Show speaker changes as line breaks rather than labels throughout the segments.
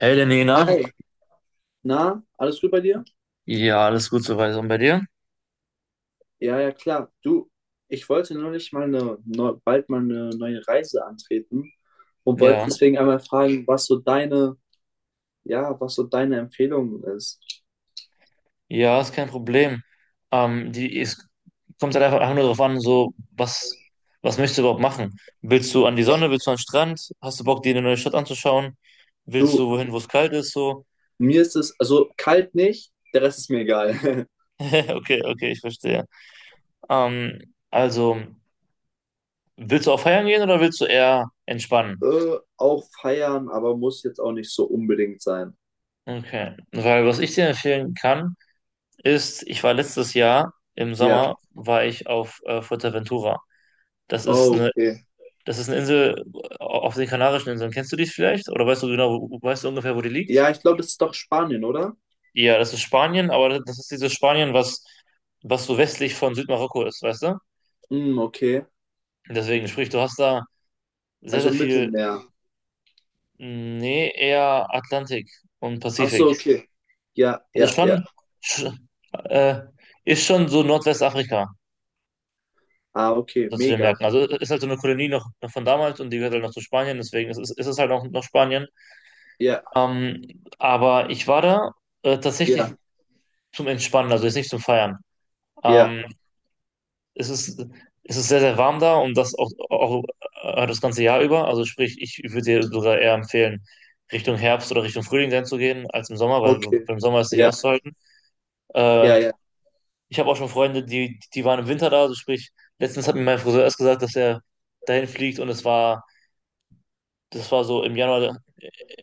Hey, der
Hi,
Nena.
na, alles gut bei dir?
Ja, alles gut soweit. Und bei dir?
Ja, ja, klar. Du, ich wollte neulich mal bald mal eine neue Reise antreten und wollte
Ja.
deswegen einmal fragen, ja, was so deine Empfehlung ist.
Ja, ist kein Problem. Es kommt halt einfach nur darauf an, so, was möchtest du überhaupt machen? Willst du an die
Ä-
Sonne? Willst du an den Strand? Hast du Bock, dir eine neue Stadt anzuschauen? Willst du
Du,
wohin, wo es kalt ist? So.
mir ist es, also kalt nicht, der Rest ist mir egal.
Okay, okay, ich verstehe. Also, willst du auch feiern gehen oder willst du eher entspannen?
Auch feiern, aber muss jetzt auch nicht so unbedingt sein.
Okay. Weil was ich dir empfehlen kann, ist, ich war letztes Jahr im
Ja,
Sommer, war ich auf Fuerteventura. Das ist
oh,
eine,
okay.
das ist eine Insel auf den Kanarischen Inseln. Kennst du die vielleicht? Oder weißt du ungefähr, wo die liegt?
Ja, ich glaube, das ist doch Spanien, oder?
Ja, das ist Spanien, aber das ist dieses Spanien, was so westlich von Südmarokko ist, weißt du?
Hm, okay.
Deswegen, sprich, du hast da sehr,
Also
sehr viel,
Mittelmeer.
nee, eher Atlantik und
Ach
Pazifik.
so, okay. Ja,
Also
ja, ja.
schon, sch- äh, ist schon so Nordwestafrika,
Ah, okay,
so zu den
mega.
Märkten. Also ist halt so eine Kolonie noch von damals, und die gehört halt noch zu Spanien, deswegen ist es halt auch noch Spanien.
Ja,
Aber ich war da tatsächlich
ja,
zum Entspannen, also jetzt nicht zum Feiern.
ja,
Ähm, es ist, es ist sehr, sehr warm da, und das auch das ganze Jahr über. Also sprich, ich würde dir sogar eher empfehlen, Richtung Herbst oder Richtung Frühling dann zu gehen, als im Sommer, weil
okay.
im Sommer ist nicht
Ja,
auszuhalten. Äh,
ja, ja.
ich habe auch schon Freunde, die waren im Winter da, also sprich, letztens hat mir mein Friseur erst gesagt, dass er dahin fliegt, und das war so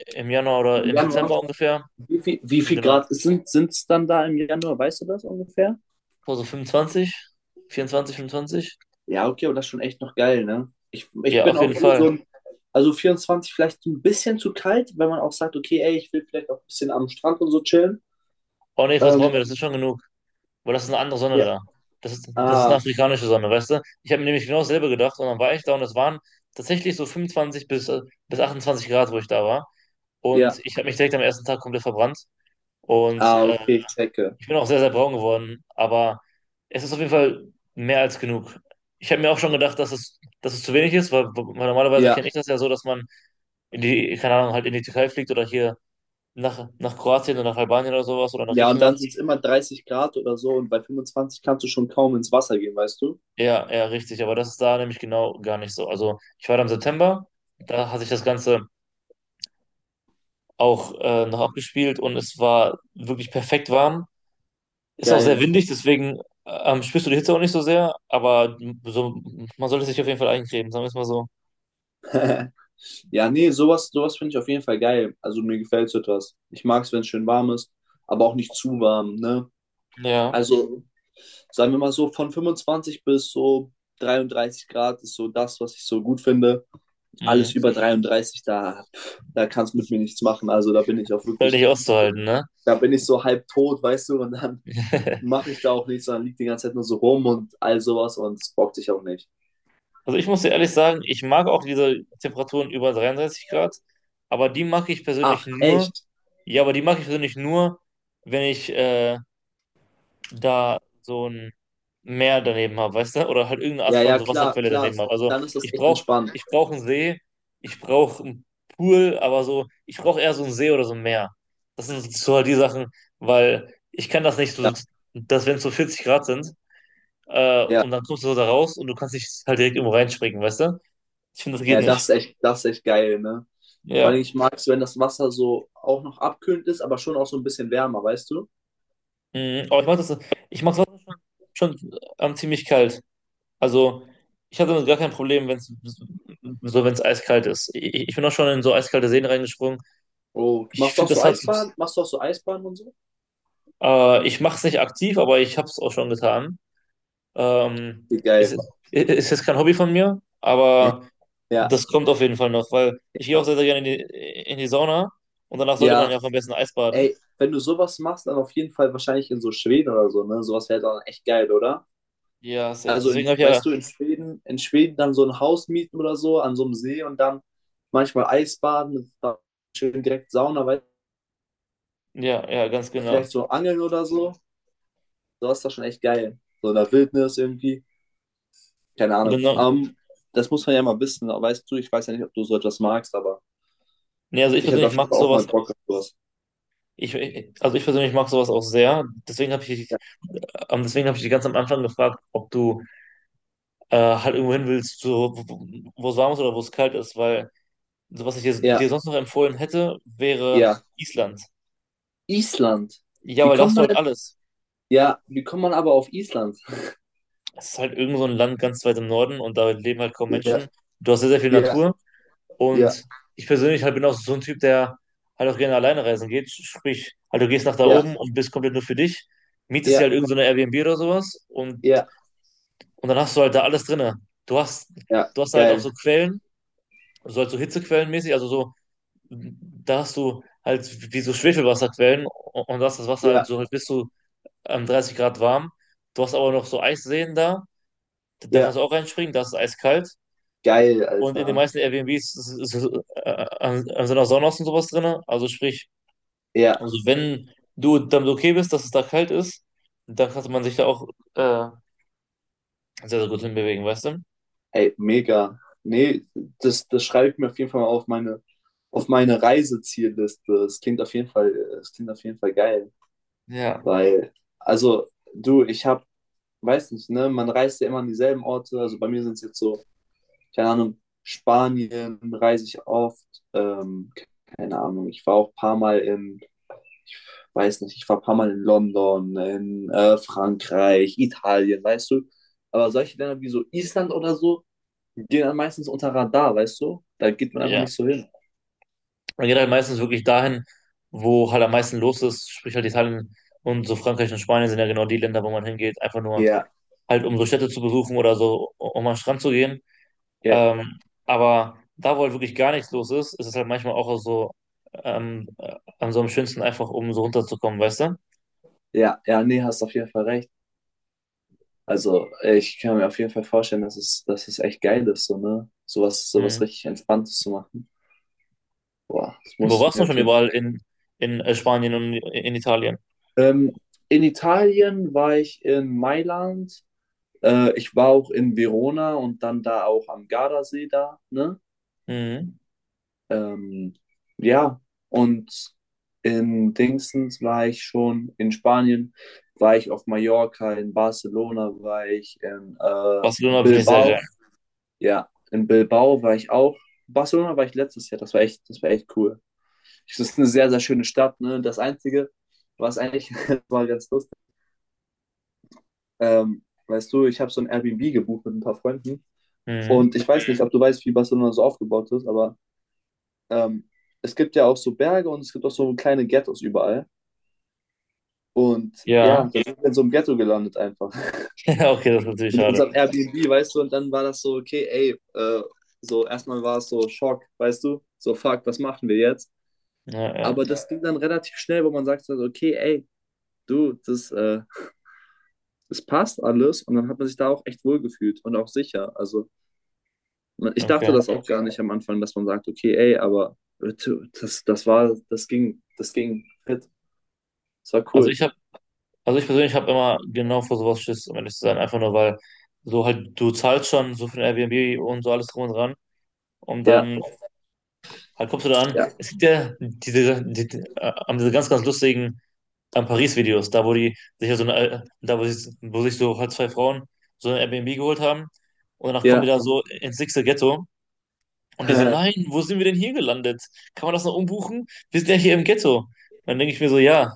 im Januar oder
Im
im
Januar,
Dezember ungefähr.
wie viel
Genau.
Grad sind es dann da im Januar? Weißt du das ungefähr?
Vor so 25, 24, 25.
Ja, okay, aber das ist schon echt noch geil, ne? Ich
Ja,
bin
auf
auch
jeden
eh
Fall.
also 24 vielleicht ein bisschen zu kalt, wenn man auch sagt, okay, ey, ich will vielleicht auch ein bisschen am Strand und so chillen.
Oh nee, vertrau
Ähm,
mir, das ist schon genug. Aber das ist eine andere Sonne
ja.
da. Das ist eine
Ah,
afrikanische Sonne, weißt du? Ich habe mir nämlich genau dasselbe gedacht, und dann war ich da, und es waren tatsächlich so 25 bis 28 Grad, wo ich da war. Und
ja.
ich habe mich direkt am ersten Tag komplett verbrannt. Und
Ah, okay, ich checke.
ich bin auch sehr, sehr braun geworden. Aber es ist auf jeden Fall mehr als genug. Ich habe mir auch schon gedacht, dass es zu wenig ist, weil, normalerweise
Ja,
kenne ich das ja so, dass man keine Ahnung, halt in die Türkei fliegt, oder hier nach, nach Kroatien oder nach Albanien oder sowas, oder nach
ja, und dann
Griechenland.
sind es immer 30 Grad oder so und bei 25 kannst du schon kaum ins Wasser gehen, weißt du?
Ja, ja, richtig. Aber das ist da nämlich genau gar nicht so. Also ich war da im September, da hat sich das Ganze auch noch abgespielt, und es war wirklich perfekt warm. Ist auch sehr
Geil.
windig, deswegen spürst du die Hitze auch nicht so sehr, aber so, man sollte sich auf jeden Fall eincremen, sagen wir es mal so.
Ja, nee, sowas finde ich auf jeden Fall geil. Also mir gefällt so etwas. Ich mag es, wenn es schön warm ist, aber auch nicht zu warm, ne?
Ja,
Also, sagen wir mal so, von 25 bis so 33 Grad ist so das, was ich so gut finde.
mhm.
Alles über 33, da kannst mit mir nichts machen. Also da bin ich auch
Halt
wirklich,
nicht auszuhalten, ne?
da bin ich so halb tot, weißt du, und dann mache ich da auch nichts, sondern liegt die ganze Zeit nur so rum und all sowas und es bockt sich auch nicht.
Also ich muss dir ehrlich sagen, ich mag auch diese Temperaturen über 33 Grad, aber die mag ich persönlich
Ach,
nur,
echt?
ja, aber die mag ich persönlich nur, wenn ich da so ein Meer daneben habe, weißt du? Oder halt irgendeine Art
Ja,
von
ja,
so
klar,
Wasserquelle
klar.
daneben habe. Also
Dann ist das echt entspannt.
ich brauch einen See, ich brauche einen Pool, aber so, ich brauche eher so einen See oder so ein Meer. Das sind so halt die Sachen, weil ich kann das nicht
Ja,
so, dass wenn es so 40 Grad sind,
ja.
und dann kommst du so da raus, und du kannst nicht halt direkt irgendwo reinspringen, weißt du? Ich finde, das geht
Ja, das
nicht.
ist echt, das ist echt geil, ne? Vor allem,
Ja.
ich mag es, wenn das Wasser so auch noch abkühlend ist, aber schon auch so ein bisschen wärmer, weißt du?
Mhm. Ich mach's schon ziemlich kalt. Also, ich hatte damit gar kein Problem, wenn wenn es eiskalt ist. Ich bin auch schon in so eiskalte Seen reingesprungen.
Oh,
Ich
machst du auch
finde,
so
das hat,
Eisbahn? Machst du auch so Eisbahn und so?
ich mache es nicht aktiv, aber ich habe es auch schon getan. Ähm,
Wie
es
geil.
ist, ist jetzt kein Hobby von mir,
Ja,
aber
ja,
das kommt auf jeden Fall noch, weil ich gehe auch sehr, sehr gerne in die Sauna, und danach sollte man
ja.
ja auch am besten Eis baden.
Ey, wenn du sowas machst, dann auf jeden Fall wahrscheinlich in so Schweden oder so, ne? Sowas wäre dann echt geil, oder?
Ja, safe.
Also,
Deswegen habe ich ja,
weißt du, in Schweden dann so ein Haus mieten oder so an so einem See und dann manchmal Eisbaden, dann schön direkt Sauna, weil
ja, ja, ganz genau.
vielleicht so angeln oder so. Sowas ist doch schon echt geil. So in der Wildnis irgendwie. Keine
Und
Ahnung.
genau.
Das muss man ja mal wissen. Weißt du, ich weiß ja nicht, ob du so etwas magst, aber
Nee, also ich
ich hätte
persönlich
auf jeden
mag
Fall auch mal
sowas.
Bock auf sowas.
Ich persönlich mag sowas auch sehr. Deswegen habe ich dich ganz am Anfang gefragt, ob du halt irgendwo hin willst, so, wo es warm ist oder wo es kalt ist, weil so, was ich
Ja,
dir sonst noch empfohlen hätte, wäre
ja.
Island.
Island.
Ja,
Wie
weil da
kommt
hast du
man
halt
denn?
alles.
Ja, wie kommt man aber auf Island?
Es ist halt irgend so ein Land ganz weit im Norden, und da leben halt kaum
Ja,
Menschen. Du hast sehr, sehr viel
ja,
Natur,
ja,
und ich persönlich halt bin auch so ein Typ, der halt auch gerne alleine reisen geht. Sprich, halt du gehst nach da
ja,
oben und bist komplett nur für dich, mietest dir
ja,
halt irgend so eine Airbnb oder sowas, und
ja,
Und dann hast du halt da alles drinne. Du hast,
ja,
du hast halt auch
geil.
so Quellen, so halt so Hitzequellenmäßig, also so, da hast du halt wie so Schwefelwasserquellen, und das Wasser halt
Ja,
so halt bis zu 30 Grad warm. Du hast aber noch so Eisseen da, da kannst
ja,
du auch reinspringen, da ist es eiskalt.
geil,
Und in den
Alter.
meisten Airbnbs sind auch Saunas und sowas drin. Also sprich,
Ja,
also wenn du damit okay bist, dass es da kalt ist, dann kann man sich da auch äh, sehr, sehr gut hinbewegen, weißt du?
ey, mega. Nee, das schreibe ich mir auf jeden Fall mal auf meine Reisezielliste. Das klingt auf jeden Fall, das klingt auf jeden Fall geil.
Ja.
Weil, also, du, ich habe, weiß nicht, ne, man reist ja immer an dieselben Orte. Also bei mir sind es jetzt so, keine Ahnung, Spanien reise ich oft. Ähm, Keine Ahnung, ich war auch ein paar Mal in, weiß nicht, ich war ein paar Mal in London, in Frankreich, Italien, weißt du. Aber solche Länder wie so Island oder so, die gehen dann meistens unter Radar, weißt du? Da geht man einfach
Ja.
nicht so hin.
Man geht halt meistens wirklich dahin, wo halt am meisten los ist, sprich halt Italien und so, Frankreich und Spanien sind ja genau die Länder, wo man hingeht, einfach nur
Ja,
halt um so Städte zu besuchen oder so, um an den Strand zu gehen.
ja,
Ähm, aber da, wo halt wirklich gar nichts los ist, ist es halt manchmal auch so an so am schönsten einfach, um so runterzukommen, weißt du?
ja, ja, nee, hast auf jeden Fall recht. Also, ich kann mir auf jeden Fall vorstellen, dass es echt geil ist, so, ne? Sowas
Mhm.
richtig Entspanntes zu machen. Boah, das
Wo
muss ich
warst
mir
du
auf
schon
jeden Fall.
überall in Spanien und in Italien?
Ähm, in Italien war ich in Mailand. Ich war auch in Verona und dann da auch am Gardasee da, ne?
Mhm.
Ähm, ja, und in Dingsens war ich schon, in Spanien war ich auf Mallorca, in Barcelona war ich, in
Barcelona finde ich sehr geil.
Bilbao. Ja, in Bilbao war ich auch. Barcelona war ich letztes Jahr. Das war echt cool. Es ist eine sehr, sehr schöne Stadt. Ne? Das Einzige, was eigentlich war ganz lustig. Weißt du, ich habe so ein Airbnb gebucht mit ein paar Freunden.
Mhm.
Und ich weiß nicht, ob du weißt, wie Barcelona so aufgebaut ist, aber ähm, es gibt ja auch so Berge und es gibt auch so kleine Ghettos überall. Und ja,
Ja,
dann sind wir in so einem Ghetto gelandet einfach.
ja, okay, das ist natürlich
Mit
schade.
unserem Airbnb, weißt du, und dann war das so, okay, ey, so erstmal war es so Schock, weißt du, so fuck, was machen wir jetzt?
Ja, ja,
Aber das ging dann relativ schnell, wo man sagt, so, okay, ey, du, das passt alles. Und dann hat man sich da auch echt wohlgefühlt und auch sicher. Also ich dachte
okay.
das auch gar nicht am Anfang, dass man sagt, okay, ey, aber du, das ging fit. Das war
Also
cool.
ich habe, also ich persönlich habe immer genau vor sowas Schiss, um ehrlich zu sein, einfach nur, weil so halt du zahlst schon so für ein Airbnb und so, alles drum und dran, und
Ja,
dann halt kommst du da an.
ja,
Es gibt ja diese, die haben diese ganz, ganz lustigen Paris-Videos, da wo sich so halt zwei Frauen so ein Airbnb geholt haben, und danach kommen die
ja.
da so ins nächste Ghetto. Und die so, nein, wo sind wir denn hier gelandet? Kann man das noch umbuchen? Wir sind ja hier im Ghetto. Und dann denke ich mir so, ja,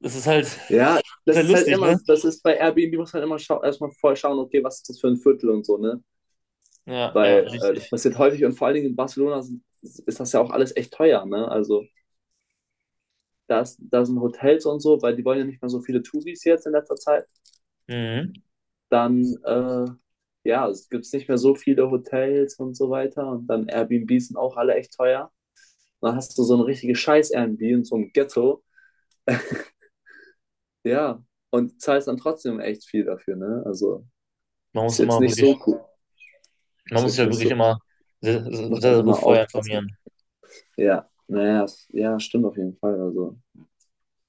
das ist halt
Ja, das
sehr
ist halt
lustig,
immer,
ne?
das ist bei Airbnb muss man immer schau erstmal vorher schauen, okay, was ist das für ein Viertel und so, ne?
Ja, ja,
Weil das
richtig.
passiert häufig und vor allen Dingen in Barcelona ist das ja auch alles echt teuer, ne? Also da sind Hotels und so, weil die wollen ja nicht mehr so viele Touris jetzt in letzter Zeit.
Mhm.
Dann, ja, es gibt nicht mehr so viele Hotels und so weiter. Und dann Airbnbs sind auch alle echt teuer. Und dann hast du so eine richtige Scheiß-Airbnb in so einem Ghetto. Ja, und zahlst dann trotzdem echt viel dafür, ne? Also,
Man
ist
muss
jetzt
immer
nicht
wirklich,
so cool.
man
Ist
muss
jetzt
sich ja
nicht
wirklich
so,
immer sehr, sehr,
muss man
sehr gut
immer
vorher
aufpassen.
informieren.
Ja, naja, ja, stimmt auf jeden Fall. Also,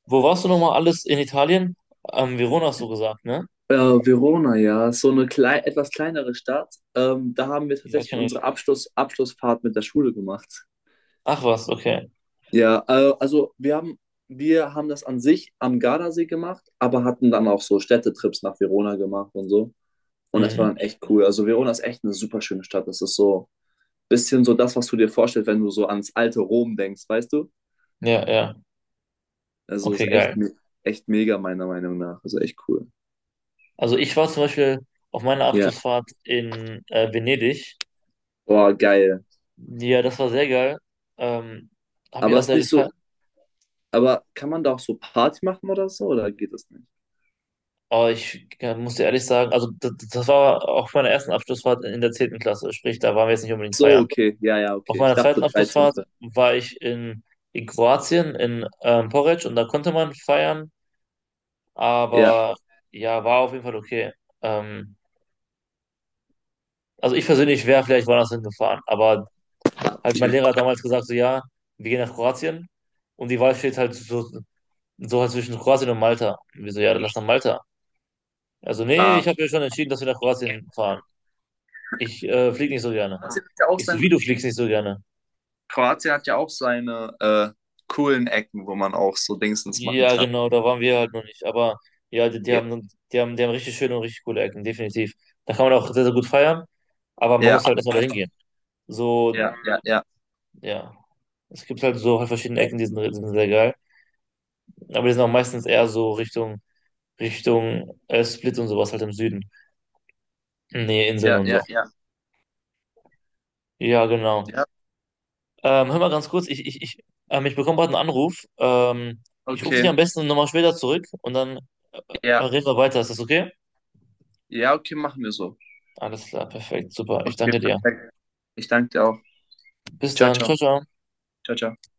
Wo warst du nochmal alles in Italien? Verona hast du gesagt, ne?
Verona, ja, so eine klei etwas kleinere Stadt. Da haben wir
Ja,
tatsächlich
kenne ich.
unsere Abschlussfahrt mit der Schule gemacht.
Ach was, okay.
Ja, also wir haben das an sich am Gardasee gemacht, aber hatten dann auch so Städtetrips nach Verona gemacht und so. Und das war
Mhm.
dann echt cool. Also Verona ist echt eine super schöne Stadt. Das ist so ein bisschen so das, was du dir vorstellst, wenn du so ans alte Rom denkst, weißt du?
Ja, ja.
Also ist
Okay,
echt,
geil.
me echt mega meiner Meinung nach. Also echt cool.
Also ich war zum Beispiel auf meiner
Ja,
Abschlussfahrt in Venedig.
boah, geil.
Ja, das war sehr geil. Ähm, Habe ich
Aber
auch
es ist
sehr
nicht so,
gefallen.
Aber kann man da auch so Party machen oder so, oder geht das nicht?
Aber ich muss dir ehrlich sagen, also das war auf meiner ersten Abschlussfahrt in der 10. Klasse, sprich, da waren wir jetzt nicht unbedingt
So,
feiern.
okay, ja, ja,
Auf
okay. Ich
meiner zweiten
dachte 13.
Abschlussfahrt war ich in, Kroatien, in Poreč, und da konnte man feiern,
Ja,
aber ja, war auf jeden Fall okay. Ähm, also ich persönlich wäre vielleicht woanders hingefahren, aber halt mein
okay.
Lehrer hat damals gesagt, so ja, wir gehen nach Kroatien, und die Wahl steht halt so halt zwischen Kroatien und Malta. Und wir so, ja, dann lass nach Malta. Also nee, ich
Ah.
habe ja schon entschieden, dass wir nach Kroatien fahren. Ich flieg nicht so gerne.
Kroatien hat ja auch
Ich so,
sein,
wie du fliegst nicht so gerne.
Kroatien hat ja auch seine coolen Ecken, wo man auch so Dingsens machen
Ja,
kann.
genau, da waren wir halt noch nicht. Aber ja, die,
Ja,
die haben richtig schöne und richtig coole Ecken, definitiv. Da kann man auch sehr, sehr gut feiern, aber man
ja,
muss halt erstmal dahin gehen. So,
ja, ja, ja,
ja. Es gibt halt so verschiedene Ecken, die sind sehr geil. Aber die sind auch meistens eher so Richtung, Richtung Split und sowas halt im Süden. Nee, Inseln
ja,
und so.
ja, ja,
Ja, genau.
ja,
Hör mal ganz kurz, ich bekomme gerade einen Anruf. Ich rufe dich
okay,
am besten nochmal später zurück, und dann äh,
ja,
reden wir weiter. Ist das okay?
ja, okay, machen wir so.
Alles klar, perfekt, super. Ich
Okay,
danke dir.
perfekt. Ich danke dir auch.
Bis
Ciao,
dann,
ciao,
ciao, ciao.
ciao, ciao.